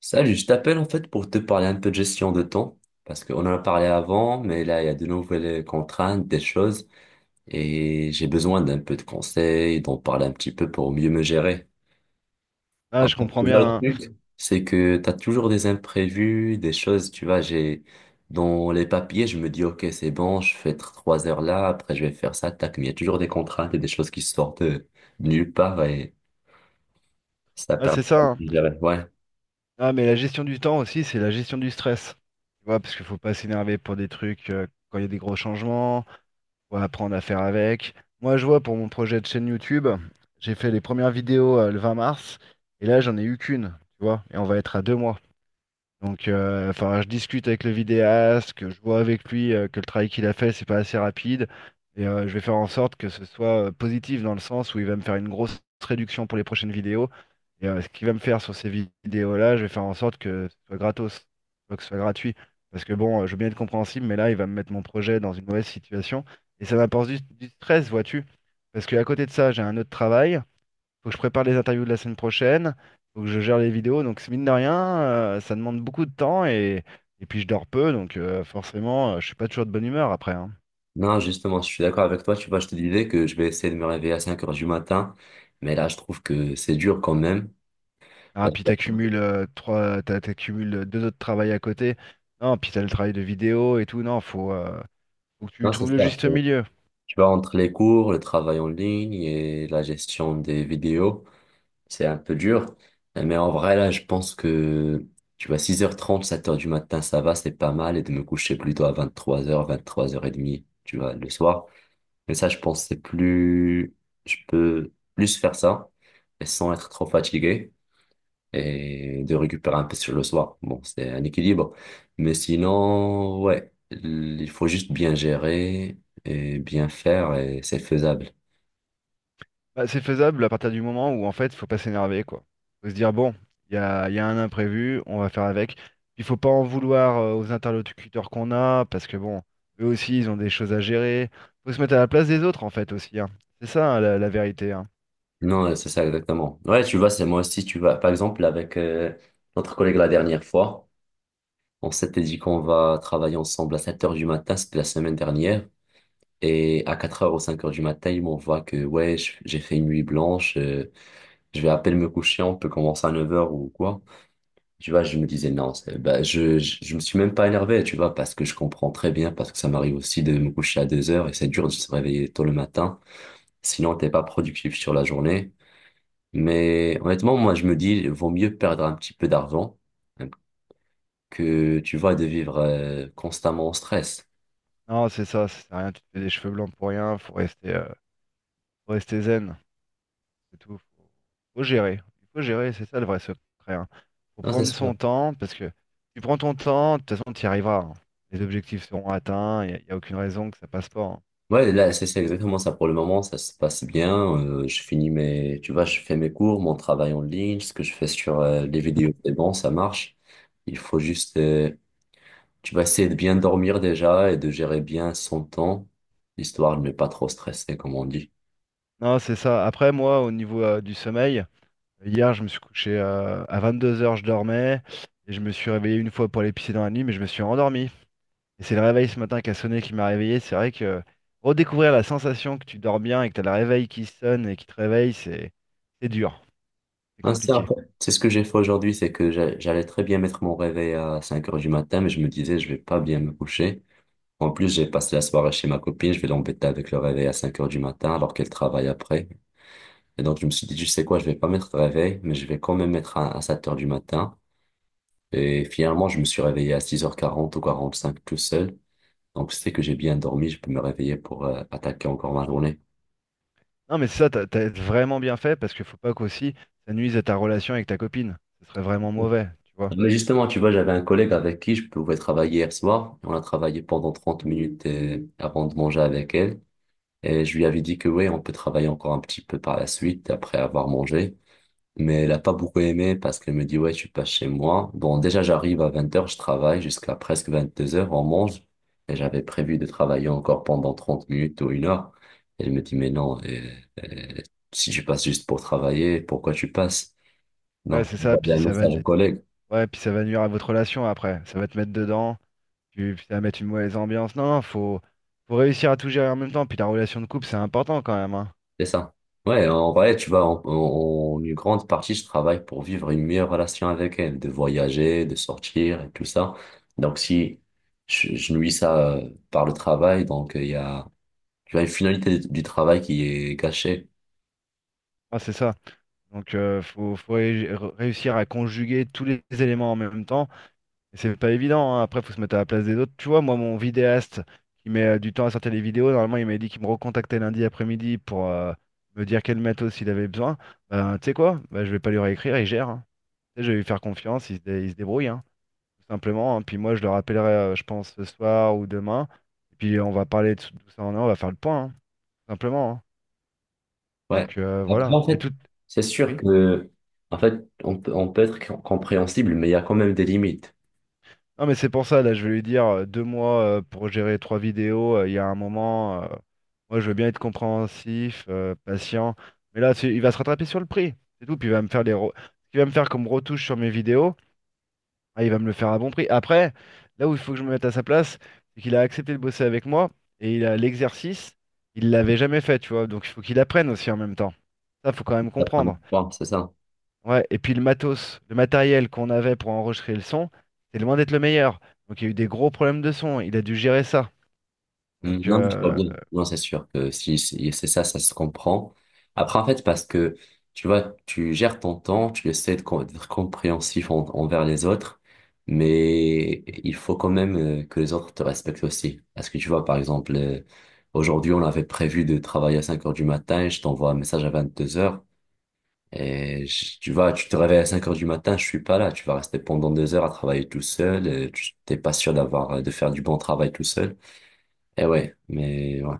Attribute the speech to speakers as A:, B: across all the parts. A: Salut, je t'appelle en fait pour te parler un peu de gestion de temps, parce qu'on en a parlé avant, mais là, il y a de nouvelles contraintes, des choses, et j'ai besoin d'un peu de conseils, d'en parler un petit peu pour mieux me gérer.
B: Ah,
A: En
B: je
A: fait,
B: comprends
A: tu vois,
B: bien,
A: le
B: hein.
A: truc, c'est que tu as toujours des imprévus, des choses, tu vois, j'ai dans les papiers, je me dis, ok, c'est bon, je fais 3 heures là, après je vais faire ça, tac, mais il y a toujours des contraintes et des choses qui sortent de nulle part, et ça
B: Ah,
A: permet
B: c'est ça,
A: pas
B: hein.
A: de me gérer. Ouais.
B: Ah, mais la gestion du temps aussi, c'est la gestion du stress. Tu vois, parce qu'il faut pas s'énerver pour des trucs quand il y a des gros changements. Faut apprendre à faire avec. Moi, je vois pour mon projet de chaîne YouTube, j'ai fait les premières vidéos le 20 mars. Et là, j'en ai eu qu'une. Tu vois, et on va être à 2 mois. Donc, enfin, je discute avec le vidéaste, que je vois avec lui que le travail qu'il a fait, c'est pas assez rapide. Et je vais faire en sorte que ce soit positif dans le sens où il va me faire une grosse réduction pour les prochaines vidéos. Et ce qu'il va me faire sur ces vidéos-là, je vais faire en sorte que ce soit gratos, pas que ce soit gratuit. Parce que bon, je veux bien être compréhensible, mais là, il va me mettre mon projet dans une mauvaise situation. Et ça m'apporte du stress, vois-tu. Parce qu'à côté de ça, j'ai un autre travail. Faut que je prépare les interviews de la semaine prochaine. Faut que je gère les vidéos. Donc, mine de rien, ça demande beaucoup de temps et puis je dors peu. Donc, forcément, je suis pas toujours de bonne humeur après, hein.
A: Non, justement, je suis d'accord avec toi. Tu vois, je te disais que je vais essayer de me réveiller à 5 heures du matin. Mais là, je trouve que c'est dur quand même.
B: Ah,
A: Parce
B: puis
A: que-
B: t'accumules t'accumules deux autres travails à côté. Non, puis t'as le travail de vidéo et tout. Non, faut que tu
A: Non, c'est
B: trouves le
A: ça.
B: juste milieu.
A: Tu vois, entre les cours, le travail en ligne et la gestion des vidéos, c'est un peu dur. Mais en vrai, là, je pense que, tu vois, 6h30, 7 heures du matin, ça va, c'est pas mal. Et de me coucher plutôt à 23h, 23h30, tu vois, le soir. Mais ça, je pense, que c'est plus, je peux plus faire ça et sans être trop fatigué. Et de récupérer un peu sur le soir. Bon, c'est un équilibre. Mais sinon, ouais, il faut juste bien gérer et bien faire et c'est faisable.
B: Bah, c'est faisable à partir du moment où en fait, faut pas s'énerver, quoi. Faut se dire bon, il y a un imprévu, on va faire avec. Il faut pas en vouloir aux interlocuteurs qu'on a, parce que bon, eux aussi, ils ont des choses à gérer. Faut se mettre à la place des autres en fait aussi, hein. C'est ça, hein, la vérité, hein.
A: Non, c'est ça exactement. Ouais, tu vois, c'est moi aussi, tu vois. Par exemple, avec notre collègue la dernière fois, on s'était dit qu'on va travailler ensemble à 7 heures du matin, c'était la semaine dernière. Et à 4 heures ou 5 heures du matin, il m'envoie que, ouais, j'ai fait une nuit blanche, je vais à peine me coucher, on peut commencer à 9 heures ou quoi. Tu vois, je me disais non, bah, je me suis même pas énervé, tu vois, parce que je comprends très bien, parce que ça m'arrive aussi de me coucher à 2 heures et c'est dur de se réveiller tôt le matin. Sinon, t'es pas productif sur la journée. Mais honnêtement, moi, je me dis, vaut mieux perdre un petit peu d'argent, hein, que, tu vois, de vivre constamment en stress.
B: Non, c'est ça, ça sert à rien, tu te fais des cheveux blancs pour rien. Faut rester zen. C'est tout. Faut gérer. Il faut gérer, c'est ça le vrai secret, hein. Faut
A: Non, c'est
B: prendre
A: sûr.
B: son temps, parce que tu prends ton temps, de toute façon, tu y arriveras, hein. Les objectifs seront atteints, il n'y a aucune raison que ça passe pas, hein.
A: Ouais, là, c'est exactement ça pour le moment, ça se passe bien. Je finis mes, tu vois, je fais mes cours, mon travail en ligne, ce que je fais sur les vidéos, c'est bon, ça marche. Il faut juste tu vas essayer de bien dormir déjà et de gérer bien son temps, histoire de ne pas trop stresser, comme on dit.
B: Non, c'est ça. Après, moi, au niveau du sommeil, hier, je me suis couché à 22h, je dormais, et je me suis réveillé une fois pour aller pisser dans la nuit, mais je me suis endormi. Et c'est le réveil ce matin qui a sonné qui m'a réveillé. C'est vrai que redécouvrir la sensation que tu dors bien et que tu as le réveil qui sonne et qui te réveille, c'est dur, c'est
A: Hein,
B: compliqué.
A: c'est ce que j'ai fait aujourd'hui, c'est que j'allais très bien mettre mon réveil à 5 heures du matin, mais je me disais, je vais pas bien me coucher. En plus, j'ai passé la soirée chez ma copine, je vais l'embêter avec le réveil à 5 heures du matin alors qu'elle travaille après. Et donc, je me suis dit, tu sais quoi, je vais pas mettre de réveil, mais je vais quand même mettre un à 7 heures du matin. Et finalement, je me suis réveillé à 6h40 ou 45 tout seul. Donc, c'est que j'ai bien dormi, je peux me réveiller pour attaquer encore ma journée.
B: Non, mais ça, t'as vraiment bien fait parce qu'il faut pas qu'aussi ça nuise à ta relation avec ta copine. Ce serait vraiment mauvais, tu vois.
A: Mais justement, tu vois, j'avais un collègue avec qui je pouvais travailler hier soir. On a travaillé pendant 30 minutes avant de manger avec elle. Et je lui avais dit que oui, on peut travailler encore un petit peu par la suite après avoir mangé. Mais elle a pas beaucoup aimé parce qu'elle me dit, ouais, tu passes chez moi. Bon, déjà, j'arrive à 20 heures, je travaille jusqu'à presque 22 heures, on mange. Et j'avais prévu de travailler encore pendant 30 minutes ou 1 heure. Elle me dit, mais non, euh, si tu passes juste pour travailler, pourquoi tu passes?
B: Ouais,
A: Donc,
B: c'est
A: on
B: ça.
A: va
B: Puis
A: un
B: ça va,
A: message au
B: nu-
A: collègue.
B: Ouais, puis ça va nuire à votre relation après. Ça va te mettre dedans. Puis ça va mettre une mauvaise ambiance. Non, non, faut réussir à tout gérer en même temps. Puis la relation de couple, c'est important quand même, hein.
A: C'est ça. Ouais, en vrai, tu vois, en une grande partie, je travaille pour vivre une meilleure relation avec elle, de voyager, de sortir et tout ça. Donc, si je nuis ça par le travail, donc il y a, tu vois, une finalité du travail qui est gâchée.
B: Ah, c'est ça. Donc, réussir à conjuguer tous les éléments en même temps. Et c'est pas évident, hein. Après, faut se mettre à la place des autres. Tu vois, moi, mon vidéaste qui met du temps à sortir les vidéos, normalement, il m'a dit qu'il me recontactait lundi après-midi pour me dire quel matos il avait besoin. Ben, tu sais quoi? Ben, je vais pas lui réécrire, il gère, hein. Tu sais, je vais lui faire confiance, il se débrouille, hein, tout simplement, hein. Puis moi, je le rappellerai, je pense, ce soir ou demain. Et puis, on va parler de tout ça en un, on va faire le point, hein, tout simplement, hein.
A: Ouais.
B: Donc,
A: Après,
B: voilà.
A: en
B: Mais
A: fait,
B: tout.
A: c'est sûr
B: Oui.
A: que, en fait, on peut être compréhensible, mais il y a quand même des limites.
B: Non, mais c'est pour ça, là, je vais lui dire 2 mois pour gérer trois vidéos. Il y a un moment, moi, je veux bien être compréhensif, patient. Mais là, il va se rattraper sur le prix. C'est tout. Puis il va me faire ce qu'il va me faire comme retouche sur mes vidéos. Ah, il va me le faire à bon prix. Après, là où il faut que je me mette à sa place, c'est qu'il a accepté de bosser avec moi et il a l'exercice, il l'avait jamais fait, tu vois. Donc il faut qu'il apprenne aussi en même temps. Ça, faut quand même
A: La première
B: comprendre.
A: fois, c'est ça.
B: Ouais, et puis le matos, le matériel qu'on avait pour enregistrer le son, c'est loin d'être le meilleur. Donc il y a eu des gros problèmes de son, il a dû gérer ça.
A: Mm,
B: Donc
A: non, mais tu vois
B: euh,
A: bien. Non, c'est sûr que si c'est ça, ça se comprend. Après, en fait, parce que tu vois, tu gères ton temps, tu essaies de d'être compréhensif envers les autres, mais il faut quand même que les autres te respectent aussi. Parce que tu vois, par exemple, aujourd'hui, on avait prévu de travailler à 5 heures du matin, je t'envoie un message à 22 heures, et tu vois, tu te réveilles à 5 heures du matin, je suis pas là, tu vas rester pendant 2 heures à travailler tout seul, tu t'es pas sûr d'avoir, de faire du bon travail tout seul. Et ouais, mais ouais.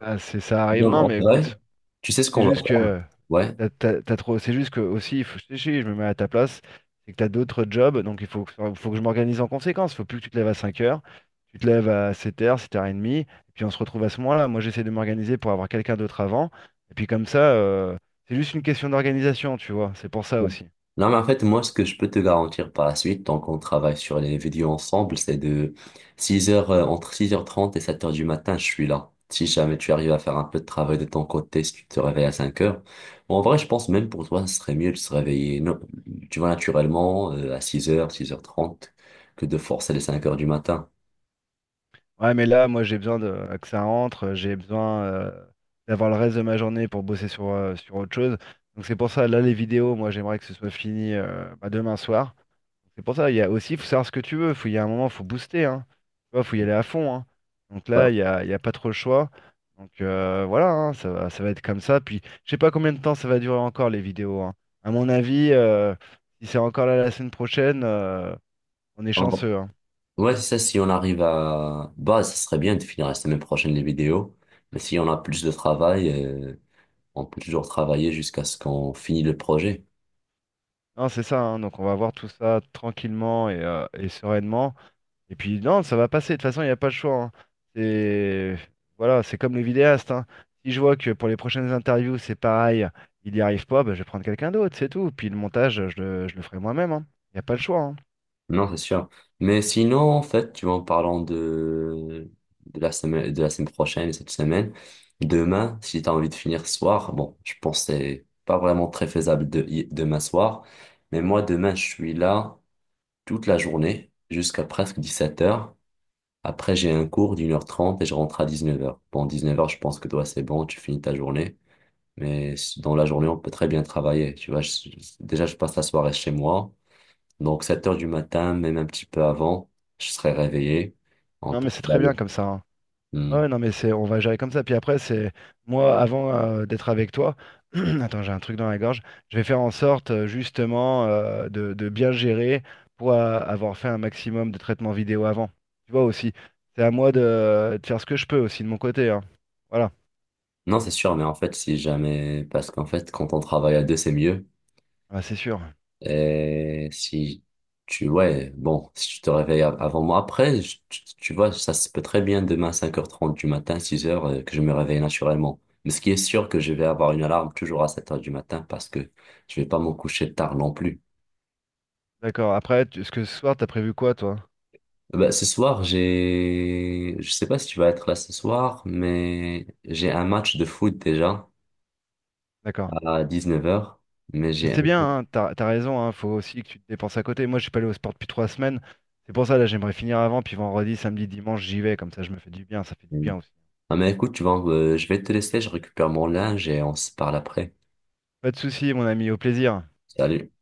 B: Ah, c'est ça arrive.
A: Non,
B: Non,
A: en
B: mais
A: vrai,
B: écoute,
A: tu sais ce
B: c'est
A: qu'on va
B: juste
A: faire?
B: que
A: Ouais.
B: t'as trop, c'est juste que aussi, je me mets à ta place, c'est que t'as d'autres jobs, donc faut que je m'organise en conséquence. Faut plus que tu te lèves à 5 heures, tu te lèves à 7 heures, 7h30, et puis on se retrouve à ce moment-là. Moi j'essaie de m'organiser pour avoir quelqu'un d'autre avant, et puis comme ça, c'est juste une question d'organisation, tu vois, c'est pour ça aussi.
A: Non, mais en fait, moi, ce que je peux te garantir par la suite, tant qu'on travaille sur les vidéos ensemble, c'est de 6 heures, entre 6h30 et 7 heures du matin, je suis là. Si jamais tu arrives à faire un peu de travail de ton côté, si tu te réveilles à 5 heures, bon, en vrai, je pense même pour toi, ce serait mieux de se réveiller, non, tu vois, naturellement, à 6 heures, 6h30. Que de forcer les 5 heures du matin.
B: Ouais, mais là, moi, j'ai besoin de, que ça rentre, j'ai besoin d'avoir le reste de ma journée pour bosser sur autre chose. Donc c'est pour ça, là, les vidéos, moi, j'aimerais que ce soit fini bah, demain soir. C'est pour ça, il y a aussi, il faut savoir ce que tu veux. Il y a un moment, il faut booster, hein. Tu vois, faut y aller à fond, hein. Donc là,
A: Ouais,
B: il y a pas trop le choix. Donc voilà, hein, ça va être comme ça. Puis, je sais pas combien de temps ça va durer encore, les vidéos, hein. À mon avis, si c'est encore là la semaine prochaine, on est
A: en vrai.
B: chanceux, hein.
A: Ouais, c'est ça, si on arrive à. Bah, ça serait bien de finir la semaine prochaine les vidéos, mais si on a plus de travail, on peut toujours travailler jusqu'à ce qu'on finisse le projet.
B: Non, c'est ça, hein. Donc on va voir tout ça tranquillement et sereinement. Et puis non, ça va passer, de toute façon, il n'y a pas le choix, hein. C'est voilà, c'est comme les vidéastes, hein. Si je vois que pour les prochaines interviews, c'est pareil, il n'y arrive pas, bah, je vais prendre quelqu'un d'autre, c'est tout. Puis le montage, je le ferai moi-même, hein. Il n'y a pas le choix, hein.
A: Non, c'est sûr. Mais sinon, en fait, tu vois, en parlant de, la semaine, de la semaine prochaine et cette semaine, demain, si tu as envie de finir ce soir, bon, je pense que c'est pas vraiment très faisable de, demain soir, mais moi, demain, je suis là toute la journée jusqu'à presque 17 heures. Après, j'ai un cours d'1h30 et je rentre à 19 heures. Bon, 19 heures, je pense que toi, c'est bon, tu finis ta journée. Mais dans la journée, on peut très bien travailler. Tu vois, déjà, je passe la soirée chez moi. Donc 7 heures du matin, même un petit peu avant, je serai réveillé. On
B: Non,
A: peut
B: mais c'est très
A: travailler.
B: bien comme ça, hein.
A: Hmm.
B: Ouais, non, mais on va gérer comme ça. Puis après, c'est moi, avant d'être avec toi, attends, j'ai un truc dans la gorge. Je vais faire en sorte, justement, de bien gérer pour avoir fait un maximum de traitements vidéo avant. Tu vois aussi, c'est à moi de faire ce que je peux aussi de mon côté, hein. Voilà.
A: Non, c'est sûr, mais en fait, si jamais, parce qu'en fait, quand on travaille à deux, c'est mieux.
B: Ah, c'est sûr.
A: Et si tu, ouais, bon, si tu te réveilles avant moi, après, tu vois, ça se peut très bien demain, 5h30 du matin, 6 heures, que je me réveille naturellement. Mais ce qui est sûr, que je vais avoir une alarme toujours à 7 heures du matin parce que je vais pas me coucher tard non plus.
B: D'accord. Après, ce que ce soir, t'as prévu quoi, toi?
A: Bah, ce soir, je sais pas si tu vas être là ce soir, mais j'ai un match de foot déjà
B: D'accord.
A: à 19 heures. Mais
B: Mais
A: j'ai,
B: c'est bien, hein, t'as raison, hein, faut aussi que tu te dépenses à côté. Moi, je suis pas allé au sport depuis 3 semaines. C'est pour ça, là, j'aimerais finir avant, puis vendredi, samedi, dimanche, j'y vais. Comme ça, je me fais du bien, ça fait du bien aussi.
A: ah, mais écoute, tu vois, je vais te laisser, je récupère mon linge et on se parle après.
B: Pas de souci, mon ami, au plaisir.
A: Salut.